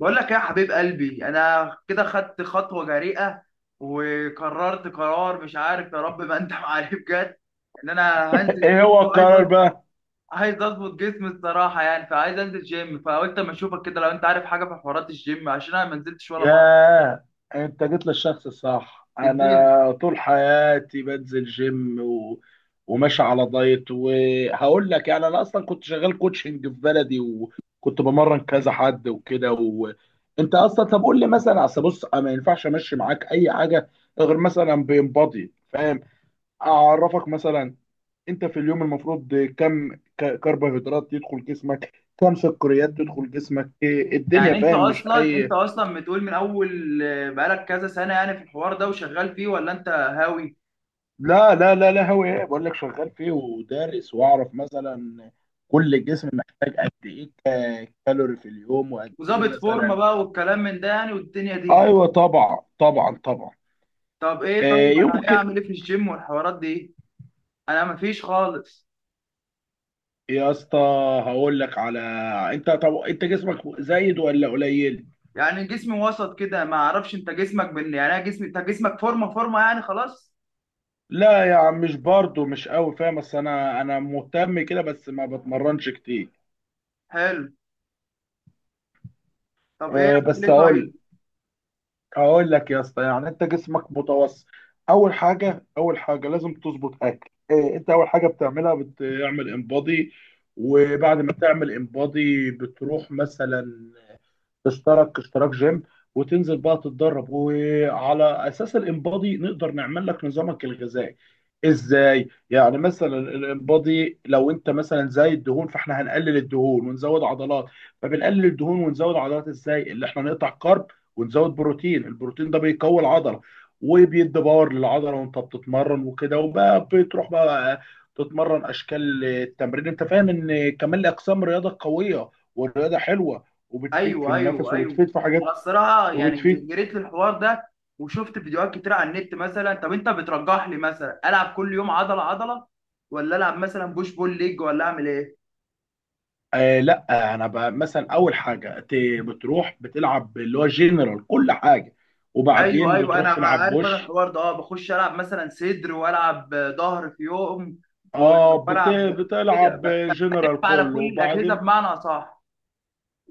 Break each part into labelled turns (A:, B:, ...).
A: بقول لك يا حبيب قلبي انا كده خدت خطوه جريئه، وقررت قرار مش عارف يا رب ما انت عليه بجد ان انا هنزل
B: ايه
A: جيم
B: هو القرار بقى؟
A: عايز اظبط جسمي الصراحه، يعني فعايز انزل جيم، فقلت اما اشوفك كده لو انت عارف حاجه في حوارات الجيم، عشان انا ما نزلتش ولا مره.
B: ياه، انت جيت للشخص الصح.
A: اديني.
B: انا طول حياتي بنزل جيم وماشي على دايت، وهقول لك، يعني انا اصلا كنت شغال كوتشنج في بلدي، وكنت بمرن كذا حد وكده انت اصلا، طب قول لي مثلا. اصل بص، أنا ما ينفعش امشي معاك اي حاجه غير مثلا بينبضي، فاهم. اعرفك مثلا، انت في اليوم المفروض كم كربوهيدرات يدخل جسمك، كم سكريات تدخل جسمك، إيه الدنيا،
A: يعني انت
B: فاهم، مش
A: اصلا انت
B: اي.
A: اصلا بتقول من اول بقالك كذا سنه يعني في الحوار ده وشغال فيه، ولا انت هاوي؟
B: لا لا لا لا، هو ايه، بقول لك شغال فيه ودارس، واعرف مثلا كل جسم محتاج قد ايه كالوري في اليوم، وقد ايه
A: وظابط فورمه
B: مثلا.
A: بقى والكلام من ده يعني، والدنيا دي.
B: ايوه، طبعا طبعا طبعا.
A: طب ايه،
B: آه
A: طيب انا ايه
B: يمكن.
A: اعمل ايه في الجيم والحوارات دي؟ انا مفيش خالص.
B: يا اسطى، هقول لك على، انت طب انت جسمك زايد ولا قليل؟
A: يعني جسمي وسط كده ما اعرفش، انت جسمك بن يعني، انا جسمي انت جسمك فورمه فورمه يعني خلاص.
B: لا يا عم، مش برضه مش قوي، فاهم، بس انا مهتم كده، بس ما بتمرنش كتير.
A: حلو. طب ايه
B: آه
A: اعمل
B: بس
A: ايه طيب؟
B: هقول، اقول لك يا اسطى، يعني انت جسمك متوسط. اول حاجه لازم تظبط اكل، إيه انت اول حاجه بتعملها؟ بتعمل انبادي. وبعد ما تعمل انبادي بتروح مثلا تشترك اشتراك جيم، وتنزل بقى تتدرب، وعلى اساس الانبادي نقدر نعمل لك نظامك الغذائي. ازاي يعني؟ مثلا الانبادي لو انت مثلا زايد الدهون، فاحنا هنقلل الدهون ونزود عضلات. فبنقلل الدهون ونزود عضلات ازاي؟ اللي احنا نقطع كارب ونزود بروتين. البروتين ده بيقوي العضله، وبيدي باور للعضله، وانت بتتمرن وكده، وبقى بتروح بقى تتمرن اشكال التمرين، انت فاهم، ان كمان اقسام رياضه قويه، والرياضه حلوه، وبتفيد في
A: ايوه
B: النفس،
A: ايوه ايوه.
B: وبتفيد في
A: انا
B: حاجات،
A: الصراحه يعني
B: وبتفيد.
A: جريت للحوار ده وشفت فيديوهات كتير على النت، مثلا طب انت بترجح لي مثلا العب كل يوم عضله عضله، ولا العب مثلا بوش بول ليج، ولا اعمل ايه؟
B: لا انا بقى مثلا اول حاجه بتروح بتلعب اللي هو جنرال كل حاجه،
A: ايوه
B: وبعدين
A: ايوه انا
B: بتروح تلعب
A: عارف، انا
B: بوش.
A: الحوار ده اه بخش العب مثلا صدر والعب ظهر في يوم و- والعب كده
B: بتلعب
A: بلف
B: جنرال
A: على
B: كله
A: كل الاجهزه
B: وبعدين
A: بمعنى اصح.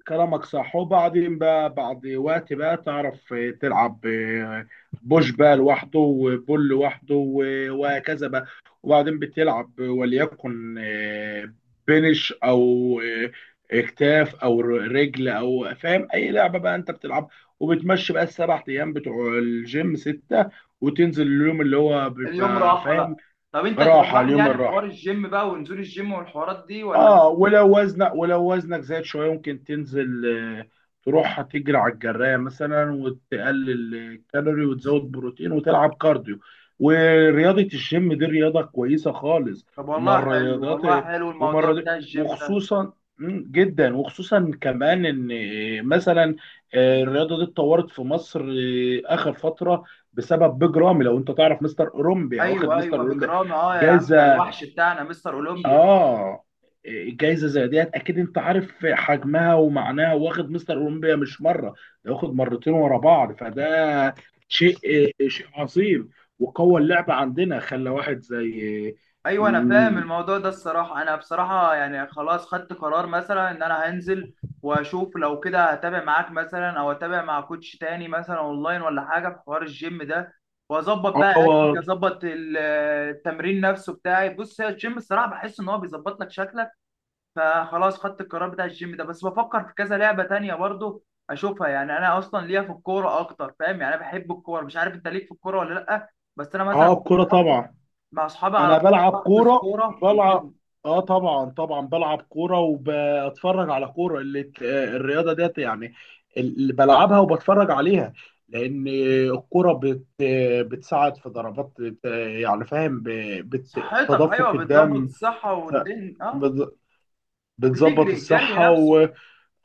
B: كلامك صح. وبعدين بقى بعد وقت بقى تعرف، تلعب بوش بقى لوحده، وبول لوحده، وهكذا بقى. وبعدين بتلعب وليكن بنش، او آه، اكتاف، او رجل، او فاهم اي لعبه بقى انت بتلعب. وبتمشي بقى السبع ايام بتوع الجيم سته، وتنزل اليوم اللي هو
A: اليوم
B: بيبقى،
A: راحه
B: فاهم،
A: بقى. طب انت
B: راحه.
A: ترجح لي
B: اليوم
A: يعني حوار
B: الراحه.
A: الجيم بقى ونزول الجيم والحوارات دي، ولا؟
B: اه، ولو وزنك زاد شويه ممكن تنزل، آه، تروح تجري على الجرايه مثلا، وتقلل الكالوري، وتزود بروتين، وتلعب كارديو. ورياضه الجيم دي رياضه كويسه خالص،
A: طب
B: ومن
A: والله حلو،
B: الرياضات،
A: والله حلو
B: ومن
A: الموضوع
B: الرياض-
A: بتاع الجيم ده.
B: وخصوصا جدا، وخصوصا كمان ان مثلا الرياضه دي اتطورت في مصر اخر فتره بسبب بيج رامي، لو انت تعرف مستر اولمبيا. واخد
A: ايوه
B: مستر
A: ايوه
B: اولمبيا
A: بجرام، اه يا عم، ده
B: جايزه.
A: الوحش بتاعنا مستر اولمبيا.
B: اه، جايزه زي ديت اكيد انت عارف حجمها ومعناها، واخد مستر اولمبيا مش مره، ده واخد مرتين ورا بعض، فده شيء شيء عظيم، وقوى اللعبه عندنا، خلى واحد زي
A: ايوه انا فاهم
B: مم،
A: الموضوع ده الصراحه، انا بصراحه يعني خلاص خدت قرار مثلا ان انا هنزل واشوف. لو كده هتابع معاك مثلا، او اتابع مع كوتش تاني مثلا اونلاين، ولا حاجه في حوار الجيم ده. واظبط بقى
B: اه و-
A: اكلي، اظبط التمرين نفسه بتاعي. بص هي الجيم الصراحه بحس ان هو بيظبط لك شكلك، فخلاص خدت القرار بتاع الجيم ده. بس بفكر في كذا لعبة تانية برضو اشوفها. يعني انا اصلا ليا في الكورة اكتر، فاهم يعني انا بحب الكورة، مش عارف انت ليك في الكورة ولا لا. بس انا مثلا
B: اه،
A: مع
B: الكوره
A: اصحابي،
B: طبعا.
A: مع أصحابي على
B: انا
A: طول
B: بلعب
A: بحجز
B: كوره،
A: كورة
B: بلعب.
A: وكده.
B: اه، طبعا طبعا بلعب كوره وبتفرج على كوره، اللي الرياضه ديت يعني، اللي بلعبها وبتفرج عليها، لان الكوره بت آه، بتساعد في ضربات، يعني فاهم،
A: صحتك، ايوه
B: تدفق
A: بتظبط
B: الدم.
A: الصحة
B: ف-
A: والدنيا اه.
B: بت- بتظبط
A: بتجري الجري
B: الصحه.
A: نفسه.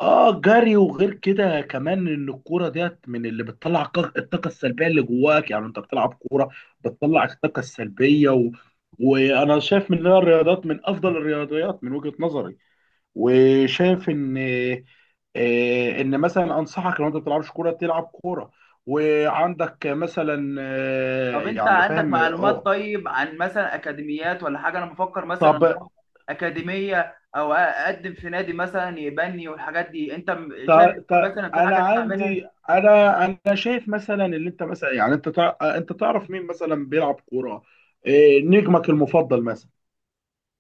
B: اه، جري. وغير كده كمان ان الكوره ديت من اللي بتطلع الطاقه السلبيه اللي جواك. يعني انت بتلعب كوره بتطلع الطاقه السلبيه وانا شايف من إنها الرياضات من افضل الرياضيات من وجهه نظري، وشايف ان ان مثلا انصحك، لو انت ما بتلعبش كوره تلعب كوره، وعندك مثلا
A: طب انت
B: يعني
A: عندك
B: فاهم
A: معلومات طيب عن مثلا اكاديميات ولا حاجة؟ انا بفكر مثلا
B: طب.
A: اروح اكاديمية، او اقدم في نادي مثلا يبني والحاجات دي. انت شايف
B: تا تا
A: مثلا في
B: انا
A: حاجة انا اعملها؟
B: عندي، انا انا شايف مثلا، اللي انت مثلا يعني انت انت تعرف مين مثلا بيلعب كوره، إيه نجمك المفضل مثلا؟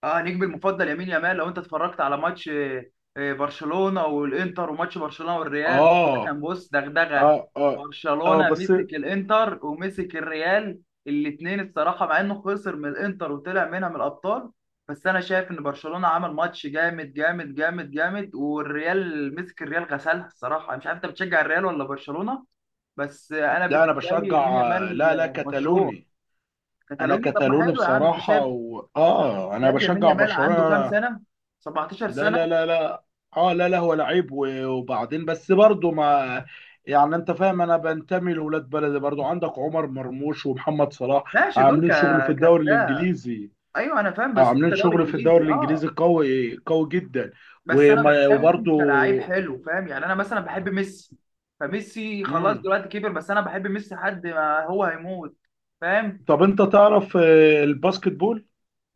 A: اه نجمي المفضل يمين يامال. لو انت اتفرجت على ماتش برشلونه والانتر، وماتش برشلونه والريال، الماتش ده كان
B: اه،
A: بص دغدغه.
B: اه، اه، اه،
A: برشلونه
B: بس.
A: مسك الانتر ومسك الريال الاثنين الصراحه، مع انه خسر من الانتر وطلع منها من الابطال. بس انا شايف ان برشلونه عمل ماتش جامد جامد جامد جامد، والريال مسك الريال غسلها الصراحه. انا مش عارف انت بتشجع الريال ولا برشلونه، بس انا
B: لا انا
A: بالنسبه لي يمين
B: بشجع،
A: يامال
B: لا لا،
A: مشروع
B: كتالوني. انا
A: كتالوني. طب ما
B: كتالوني
A: حلو يا عم، انت
B: بصراحه
A: شايف.
B: اه، انا
A: شايف يمين
B: بشجع
A: يامال عنده كام
B: برشلونه.
A: سنه؟ 17
B: لا
A: سنه.
B: لا لا لا، اه لا لا، هو لعيب، وبعدين بس برضه ما، يعني انت فاهم، انا بنتمي لولاد بلدي برضه. عندك عمر مرموش ومحمد صلاح
A: ماشي دول
B: عاملين شغل في الدوري
A: كبتاع.
B: الانجليزي،
A: ايوه انا فاهم، بس انت
B: عاملين
A: دوري
B: شغل في
A: انجليزي
B: الدوري الانجليزي
A: اه.
B: قوي قوي جدا.
A: بس انا بتكلم
B: وبرضه.
A: كلاعب حلو، فاهم يعني، انا مثلا بحب ميسي. فميسي خلاص
B: مم.
A: دلوقتي كبر، بس انا بحب ميسي لحد ما هو هيموت. فاهم.
B: طب انت تعرف الباسكت بول؟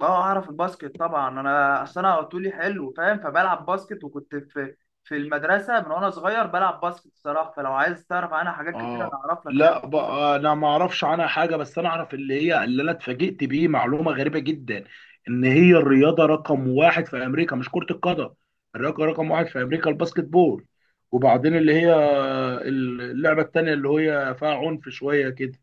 A: اه اعرف الباسكت طبعا، انا اصل انا طولي حلو فاهم، فبلعب باسكت، وكنت في في المدرسه من وانا صغير بلعب باسكت الصراحه. فلو عايز تعرف عنها حاجات كتير انا
B: اه،
A: اعرف لك لعب.
B: لا بقى، انا ما اعرفش عنها حاجه، بس انا اعرف اللي هي، اللي انا اتفاجئت بيه، معلومه غريبه جدا، ان هي الرياضه رقم واحد في امريكا، مش كره القدم. الرياضه رقم واحد في امريكا الباسكت بول، وبعدين اللي هي اللعبه التانيه، اللي هي فيها عنف شويه كده.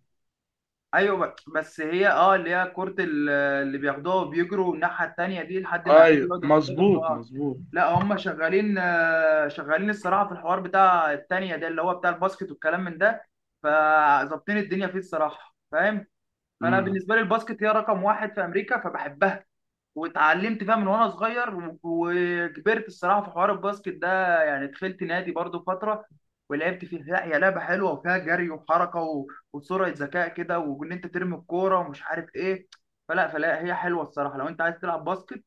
A: ايوه بس هي اه اللي هي كرة اللي بياخدوها وبيجروا الناحية التانية دي لحد ما يعدي،
B: ايوه،
A: يقعدوا يخبطوا في
B: مظبوط
A: بعض.
B: مظبوط.
A: لا هم شغالين شغالين الصراحة في الحوار بتاع التانية ده اللي هو بتاع الباسكت والكلام من ده، فظابطين الدنيا فيه الصراحة فاهم. فأنا
B: امم.
A: بالنسبة لي الباسكت هي رقم واحد في أمريكا فبحبها، واتعلمت فيها من وانا صغير وكبرت الصراحه في حوار الباسكت ده. يعني دخلت نادي برضو فتره ولعبت فيها. لا هي لعبه حلوه، وفيها جري وحركه وسرعه ذكاء كده، وان انت ترمي الكوره ومش عارف ايه. فلا هي حلوه الصراحه، لو انت عايز تلعب باسكت،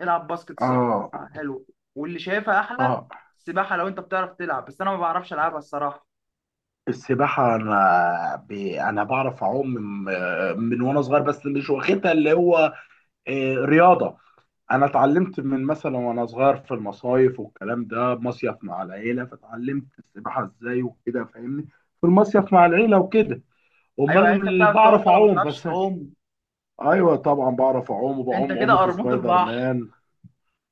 A: العب باسكت الصراحه.
B: اه،
A: حلو. واللي شايفها احلى
B: اه،
A: السباحه، لو انت بتعرف تلعب، بس انا ما بعرفش العبها الصراحه.
B: السباحه. انا انا بعرف اعوم من وانا صغير، بس مش واخدها اللي هو رياضه. انا اتعلمت من مثلا وانا صغير في المصايف، والكلام ده مصيف مع العيله، فاتعلمت السباحه ازاي وكده، فاهمني، في المصيف مع العيله وكده.
A: ايوه يعني انت
B: امال
A: بتعرف تعوم
B: بعرف
A: ولا ما
B: اعوم
A: بتعرفش
B: بس.
A: تعوم؟
B: ايوه طبعا، بعرف اعوم،
A: انت
B: وبعوم
A: كده
B: عومه
A: قرموط
B: سبايدر
A: البحر.
B: مان.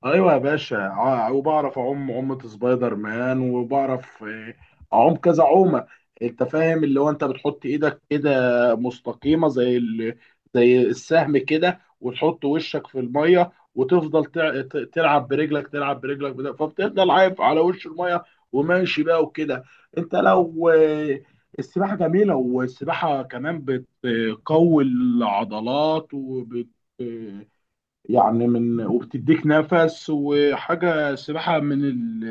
B: ايوه يا باشا، وبعرف اعوم عومة سبايدر مان، وبعرف اعوم كذا عومة. انت فاهم اللي هو انت بتحط ايدك كده مستقيمة زي السهم كده، وتحط وشك في المية، وتفضل تلعب برجلك، فبتفضل عايف على وش المية، وماشي بقى وكده. انت لو السباحة جميلة، والسباحة كمان بتقوي العضلات وبت آه، يعني، من، وبتديك نفس وحاجة سباحة من ال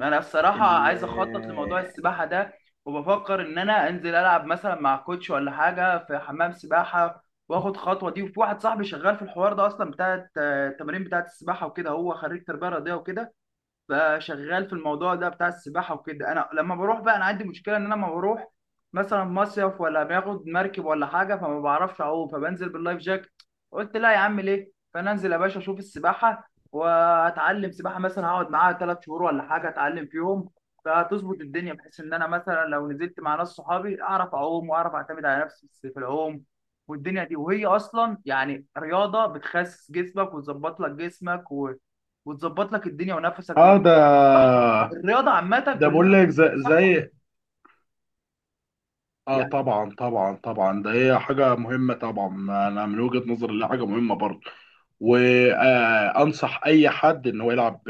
A: انا الصراحه
B: ال
A: عايز اخطط لموضوع السباحه ده، وبفكر ان انا انزل العب مثلا مع كوتش ولا حاجه في حمام سباحه واخد خطوه دي. وفي واحد صاحبي شغال في الحوار ده اصلا بتاع التمارين بتاعه السباحه وكده، هو خريج تربيه رياضيه وكده، بقى شغال في الموضوع ده بتاع السباحه وكده. انا لما بروح بقى، انا عندي مشكله ان انا لما بروح مثلا مصيف ولا باخد مركب ولا حاجه، فما بعرفش اعوم، فبنزل باللايف جاكت. قلت لا يا عم ليه، فانا انزل يا باشا اشوف السباحه واتعلم سباحه، مثلا هقعد معاها ثلاث شهور ولا حاجه اتعلم فيهم، فهتظبط الدنيا بحيث ان انا مثلا لو نزلت مع ناس صحابي اعرف اعوم، واعرف اعتمد على نفسي في العوم والدنيا دي. وهي اصلا يعني رياضه بتخسس جسمك وتظبط لك جسمك وتظبط لك الدنيا، ونفسك
B: اه،
A: بيبقى
B: ده.
A: صحه. الرياضه عامه
B: ده بقول
A: كلها
B: لك زي,
A: بتبقى صحه
B: زي اه،
A: يعني.
B: طبعا طبعا طبعا، ده هي حاجة مهمة طبعا. انا من وجهة نظري، اللي حاجة مهمة برضه، وانصح اي حد ان هو يلعب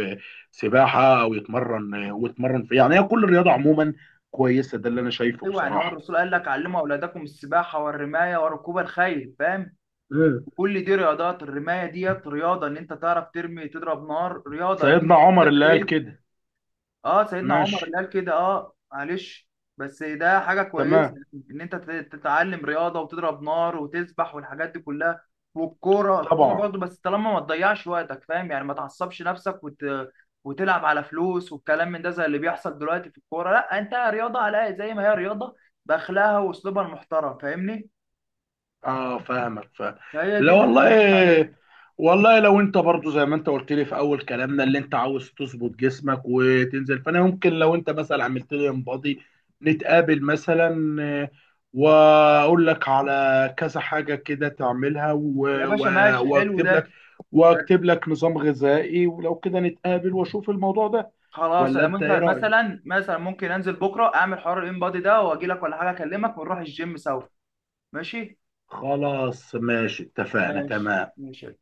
B: سباحة، او يتمرن ويتمرن في، يعني، هي كل الرياضة عموما كويسة، ده اللي انا شايفه
A: ايوه يعني، هو
B: بصراحة.
A: الرسول قال لك علموا اولادكم السباحه والرمايه وركوب الخيل فاهم.
B: مم.
A: كل دي رياضات، الرمايه ديت رياضه ان انت تعرف ترمي تضرب نار، رياضه ان انت
B: سيدنا عمر
A: تركب
B: اللي قال
A: خيل.
B: كده.
A: اه سيدنا عمر
B: ماشي.
A: قال كده اه، معلش. بس ده حاجه كويسه
B: تمام.
A: ان انت تتعلم رياضه وتضرب نار وتسبح والحاجات دي كلها. والكوره الكوره
B: طبعا.
A: برضه، بس طالما ما تضيعش وقتك فاهم، يعني ما تعصبش نفسك وتلعب على فلوس والكلام من ده زي اللي بيحصل دلوقتي في الكوره. لا انت رياضه على الأقل زي ما هي رياضه باخلاقها واسلوبها المحترم فاهمني.
B: اه، فاهمك، فاهم.
A: فهي دي
B: لا
A: اللي احنا بنقول عليه.
B: والله، والله لو انت برضو زي ما انت قلت لي في اول كلامنا، اللي انت عاوز تظبط جسمك وتنزل، فانا ممكن، لو انت مثلا عملت لي انبادي، نتقابل مثلا، واقول لك على كذا حاجة كده تعملها،
A: يا باشا ماشي، حلو
B: واكتب لك
A: ده. ده
B: واكتب لك نظام غذائي، ولو كده نتقابل واشوف الموضوع ده.
A: خلاص
B: ولا
A: انا
B: انت ايه
A: ممكن
B: رأيك؟
A: مثلا، ممكن انزل بكره اعمل حوار الان بادي ده، واجي لك ولا حاجه اكلمك ونروح الجيم سوا. ماشي.
B: خلاص ماشي، اتفقنا،
A: ماشي
B: تمام.
A: ماشي.